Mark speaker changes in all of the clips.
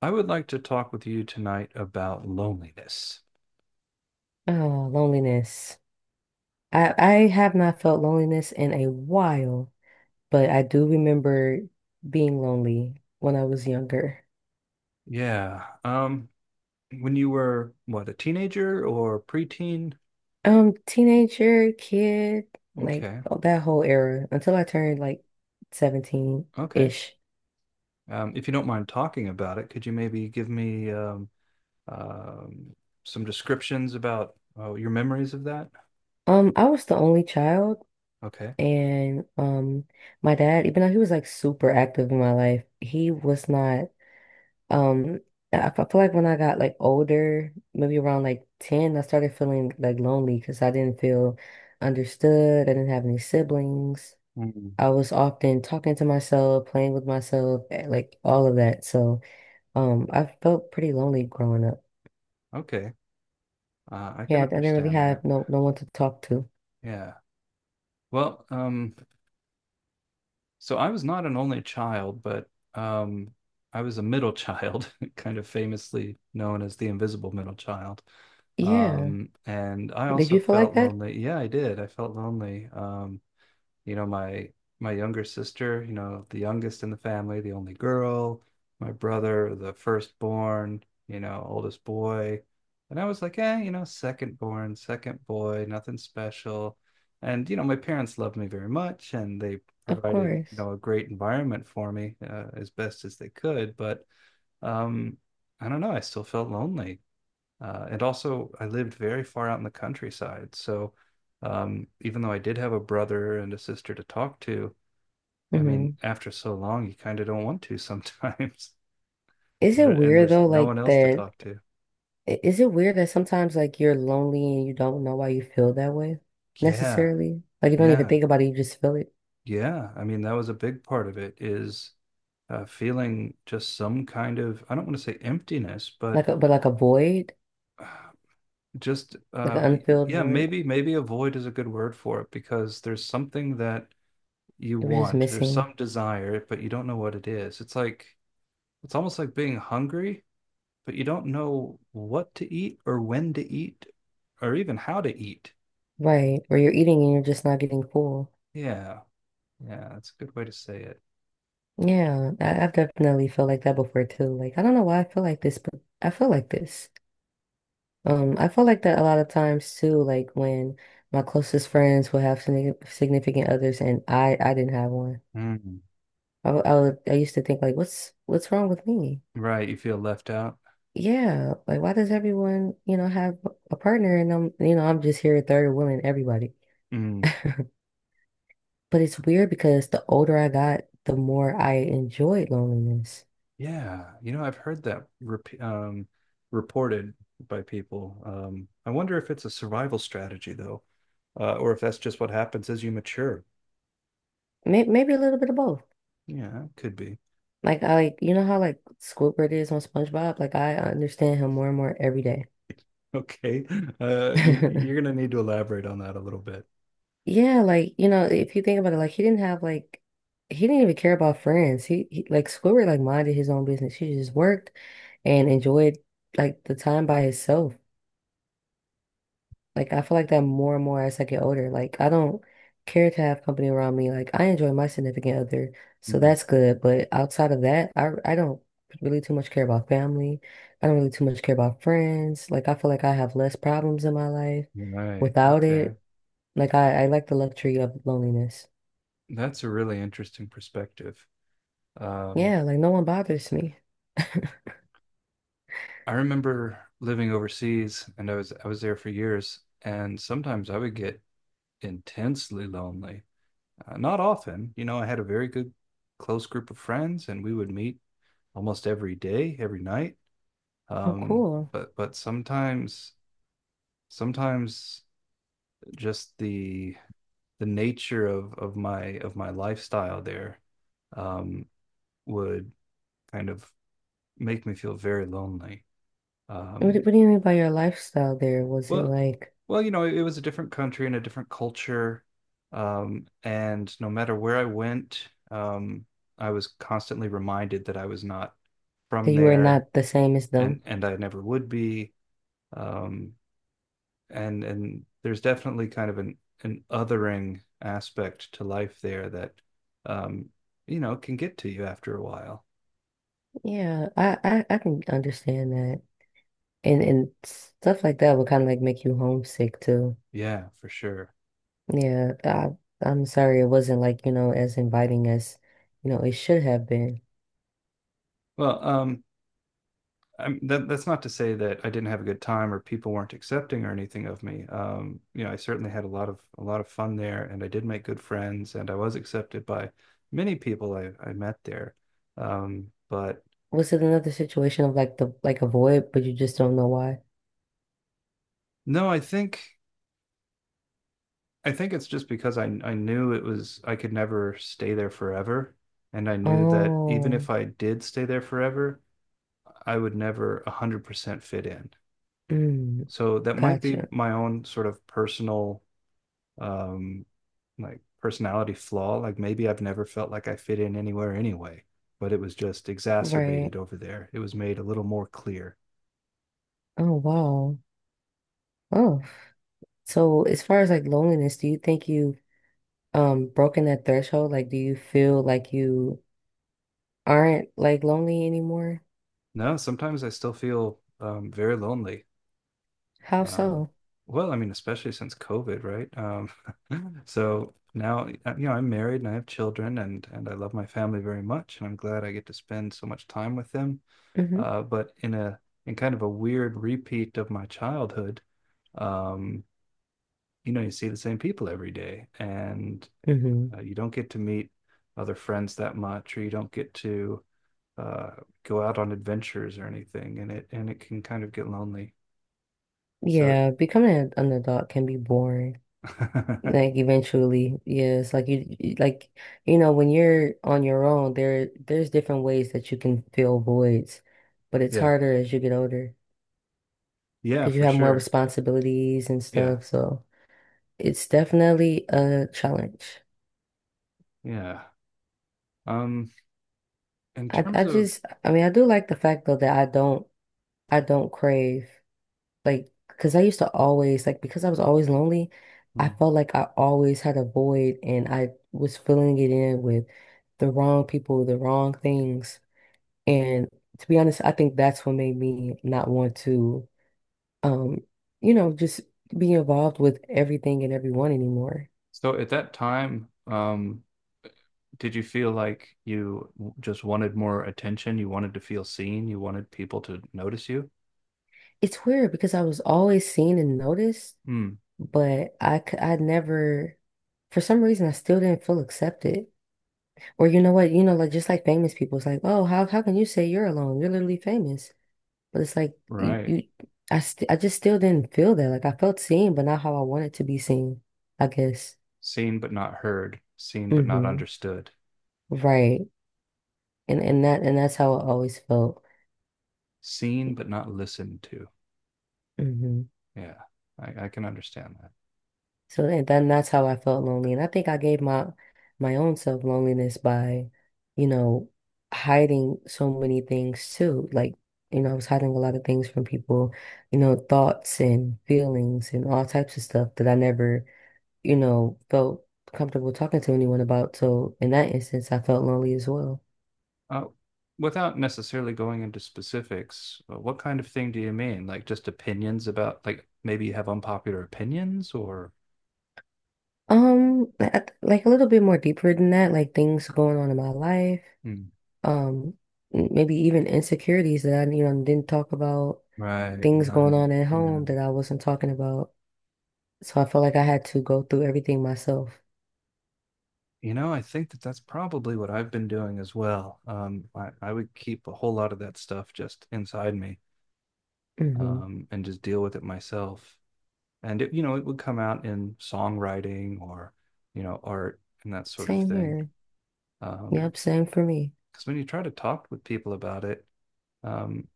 Speaker 1: I would like to talk with you tonight about loneliness.
Speaker 2: Oh, loneliness. I have not felt loneliness in a while, but I do remember being lonely when I was younger.
Speaker 1: Yeah. When you were what, a teenager or preteen?
Speaker 2: Teenager, kid, like
Speaker 1: Okay.
Speaker 2: oh, that whole era until I turned like
Speaker 1: Okay.
Speaker 2: 17-ish.
Speaker 1: If you don't mind talking about it, could you maybe give me um, some descriptions about your memories of that?
Speaker 2: I was the only child
Speaker 1: Okay.
Speaker 2: and my dad, even though he was like super active in my life, he was not. Um, I feel like when I got like older, maybe around like 10, I started feeling like lonely because I didn't feel understood. I didn't have any siblings.
Speaker 1: Mm.
Speaker 2: I was often talking to myself, playing with myself, eh, like all of that. So, I felt pretty lonely growing up.
Speaker 1: Okay. I
Speaker 2: Yeah,
Speaker 1: can
Speaker 2: I didn't really
Speaker 1: understand that.
Speaker 2: have no one to talk to.
Speaker 1: Yeah. Well, so I was not an only child, but um, I was a middle child, kind of famously known as the invisible middle child.
Speaker 2: Yeah.
Speaker 1: And I
Speaker 2: Did
Speaker 1: also
Speaker 2: you feel like
Speaker 1: felt
Speaker 2: that?
Speaker 1: lonely. Yeah, I did. I felt lonely. You know, my my younger sister, the youngest in the family, the only girl; my brother, the firstborn, oldest boy. And I was like, second born, second boy, nothing special. And my parents loved me very much, and they
Speaker 2: Of
Speaker 1: provided,
Speaker 2: course.
Speaker 1: a great environment for me as best as they could. But um, I don't know, I still felt lonely. And also, I lived very far out in the countryside. So, even though I did have a brother and a sister to talk to, I mean,
Speaker 2: Hmm.
Speaker 1: after so long, you kind of don't want to sometimes.
Speaker 2: Is
Speaker 1: And, there,
Speaker 2: it
Speaker 1: and
Speaker 2: weird
Speaker 1: there's
Speaker 2: though,
Speaker 1: no
Speaker 2: like
Speaker 1: one else to
Speaker 2: that
Speaker 1: talk to.
Speaker 2: is it weird that sometimes like you're lonely and you don't know why you feel that way
Speaker 1: Yeah,
Speaker 2: necessarily? Like you don't even
Speaker 1: yeah,
Speaker 2: think about it, you just feel it.
Speaker 1: yeah. I mean, that was a big part of it is feeling just some kind of, I don't want to say emptiness, but
Speaker 2: Like a, but like a void,
Speaker 1: uh, just,
Speaker 2: like an unfilled
Speaker 1: yeah,
Speaker 2: void.
Speaker 1: maybe a void is a good word for it, because there's something that you
Speaker 2: You were just
Speaker 1: want. There's
Speaker 2: missing.
Speaker 1: some desire, but you don't know what it is. It's almost like being hungry, but you don't know what to eat or when to eat or even how to eat.
Speaker 2: Right. Or you're eating and you're just not getting full.
Speaker 1: Yeah. Yeah, that's a good way to say it.
Speaker 2: Yeah, I've definitely felt like that before too. Like I don't know why I feel like this, but I feel like this. I feel like that a lot of times too, like when my closest friends will have significant others and I didn't have one.
Speaker 1: Mm.
Speaker 2: I I used to think like, what's wrong with me?
Speaker 1: Right, you feel left out.
Speaker 2: Yeah, like why does everyone, you know, have a partner and I'm, you know, I'm just here third wheeling everybody.
Speaker 1: Mm.
Speaker 2: But it's weird because the older I got, the more I enjoyed loneliness.
Speaker 1: Yeah, I've heard that reported by people. I wonder if it's a survival strategy though, or if that's just what happens as you mature.
Speaker 2: Maybe a little bit of both.
Speaker 1: Yeah, it could be.
Speaker 2: Like I like, you know how like Squidward is on SpongeBob? Like I understand him more and more every day.
Speaker 1: Okay. You're going to need to elaborate on that a little bit.
Speaker 2: Yeah, like, you know, if you think about it, like he didn't have like he didn't even care about friends. He like Squidward like minded his own business. He just worked and enjoyed like the time by himself. Like I feel like that more and more as I get older. Like I don't care to have company around me. Like I enjoy my significant other, so
Speaker 1: Mm.
Speaker 2: that's good. But outside of that, I don't really too much care about family. I don't really too much care about friends. Like I feel like I have less problems in my life
Speaker 1: Right.
Speaker 2: without
Speaker 1: Okay.
Speaker 2: it. Like I like the luxury of loneliness.
Speaker 1: That's a really interesting perspective. Um,
Speaker 2: Yeah, like no one bothers me.
Speaker 1: I remember living overseas, and I was there for years, and sometimes I would get intensely lonely. Not often. I had a very good close group of friends, and we would meet almost every day, every night.
Speaker 2: Oh,
Speaker 1: Um,
Speaker 2: cool.
Speaker 1: but but sometimes just the nature of my lifestyle there um, would kind of make me feel very lonely.
Speaker 2: What, do-
Speaker 1: Um,
Speaker 2: what do you mean by your lifestyle there? Was it
Speaker 1: well,
Speaker 2: like
Speaker 1: well, it was a different country and a different culture, and no matter where I went, I was constantly reminded that I was not
Speaker 2: that
Speaker 1: from
Speaker 2: you were
Speaker 1: there,
Speaker 2: not the same as them?
Speaker 1: and I never would be. Um, and there's definitely kind of an othering aspect to life there that um can get to you after a while.
Speaker 2: Yeah, I can understand that. And stuff like that would kind of like make you homesick too.
Speaker 1: Yeah, for sure.
Speaker 2: Yeah, I, I'm sorry it wasn't like, you know, as inviting as, you know, it should have been.
Speaker 1: Well, that's not to say that I didn't have a good time, or people weren't accepting or anything of me. I certainly had a lot of fun there, and I did make good friends, and I was accepted by many people I met there. But
Speaker 2: Was it another situation of like the like a void, but you just don't know why?
Speaker 1: no, I think it's just because I knew it was I could never stay there forever, and I knew that even
Speaker 2: Oh,
Speaker 1: if I did stay there forever, I would never 100% fit in.
Speaker 2: mm,
Speaker 1: So that might be
Speaker 2: gotcha.
Speaker 1: my own sort of personal um like personality flaw, like maybe I've never felt like I fit in anywhere anyway, but it was just
Speaker 2: Right.
Speaker 1: exacerbated over there. It was made a little more clear.
Speaker 2: Oh, wow. Oh. So as far as like loneliness, do you think you broken that threshold? Like, do you feel like you aren't like lonely anymore?
Speaker 1: No, sometimes I still feel very lonely.
Speaker 2: How
Speaker 1: Um,
Speaker 2: so?
Speaker 1: well, I mean, especially since COVID, right? So now, I'm married and I have children, and I love my family very much, and I'm glad I get to spend so much time with them. But in kind of a weird repeat of my childhood, um, you see the same people every day, and
Speaker 2: Mm-hmm.
Speaker 1: you don't get to meet other friends that much, or you don't get to uh, go out on adventures or anything, and it can kind of get lonely. So.
Speaker 2: Yeah, becoming an adult can be boring. Like eventually, yeah, it's like you, like you know when you're on your own, there's different ways that you can fill voids, but it's
Speaker 1: Yeah,
Speaker 2: harder as you get older
Speaker 1: yeah,
Speaker 2: because you
Speaker 1: for
Speaker 2: have more
Speaker 1: sure.
Speaker 2: responsibilities and
Speaker 1: Yeah.
Speaker 2: stuff. So it's definitely a challenge.
Speaker 1: Yeah. Um, in
Speaker 2: I
Speaker 1: terms
Speaker 2: I
Speaker 1: of,
Speaker 2: just I mean I do like the fact though that I don't crave. Like, because I used to always, like, because I was always lonely, I
Speaker 1: Hmm.
Speaker 2: felt like I always had a void and I was filling it in with the wrong people, the wrong things. And to be honest, I think that's what made me not want to, um, you know, just be involved with everything and everyone anymore.
Speaker 1: So at that time, did you feel like you just wanted more attention? You wanted to feel seen? You wanted people to notice you?
Speaker 2: It's weird because I was always seen and noticed,
Speaker 1: Hmm.
Speaker 2: but I never, for some reason, I still didn't feel accepted. Or you know what, you know, like just like famous people, it's like, oh, how can you say you're alone? You're literally famous. But it's like you
Speaker 1: Right.
Speaker 2: you I st I just still didn't feel that. Like I felt seen, but not how I wanted to be seen, I guess.
Speaker 1: Seen but not heard, seen but not
Speaker 2: Hmm.
Speaker 1: understood,
Speaker 2: Right. And that's how I always felt.
Speaker 1: seen but not listened to.
Speaker 2: Mhm.
Speaker 1: Yeah, I can understand that.
Speaker 2: So then that's how I felt lonely. And I think I gave my my own self loneliness by, you know, hiding so many things too. Like, you know, I was hiding a lot of things from people, you know, thoughts and feelings and all types of stuff that I never, you know, felt comfortable talking to anyone about. So in that instance, I felt lonely as well.
Speaker 1: Uh, Without necessarily going into specifics, what kind of thing do you mean? Like just opinions about, like maybe you have unpopular opinions or.
Speaker 2: Like a little bit more deeper than that, like things going on in my life.
Speaker 1: Mm.
Speaker 2: Um, Maybe even insecurities that I, you know, didn't talk about,
Speaker 1: Right,
Speaker 2: things
Speaker 1: right.
Speaker 2: going on at
Speaker 1: Yeah.
Speaker 2: home that I wasn't talking about. So I felt like I had to go through everything myself.
Speaker 1: I think that that's probably what I've been doing as well. I would keep a whole lot of that stuff just inside me,
Speaker 2: Hmm.
Speaker 1: and just deal with it myself. And it would come out in songwriting or, art and that sort of
Speaker 2: Same
Speaker 1: thing.
Speaker 2: here.
Speaker 1: Um,
Speaker 2: Yep, same for me.
Speaker 1: because when you try to talk with people about it, um,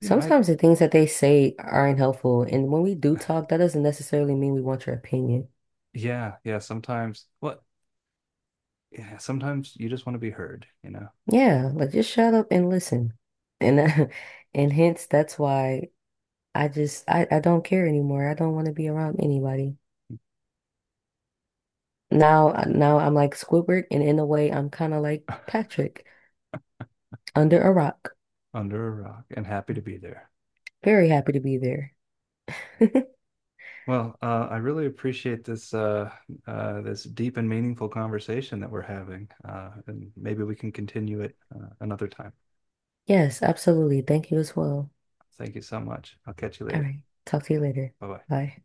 Speaker 1: you know, I,
Speaker 2: Sometimes the things that they say aren't helpful, and when we do talk, that doesn't necessarily mean we want your opinion.
Speaker 1: yeah, yeah, sometimes you just want to be heard,
Speaker 2: Yeah, like just shut up and listen. And and hence that's why I don't care anymore. I don't want to be around anybody. Now now I'm like Squidward, and in a way I'm kind of like Patrick under a rock.
Speaker 1: under a rock and happy to be there.
Speaker 2: Very happy to be there.
Speaker 1: Well, I really appreciate this deep and meaningful conversation that we're having, and maybe we can continue it another time.
Speaker 2: Yes, absolutely. Thank you as well.
Speaker 1: Thank you so much. I'll catch you
Speaker 2: All
Speaker 1: later.
Speaker 2: right. Talk to you later.
Speaker 1: Bye bye.
Speaker 2: Bye.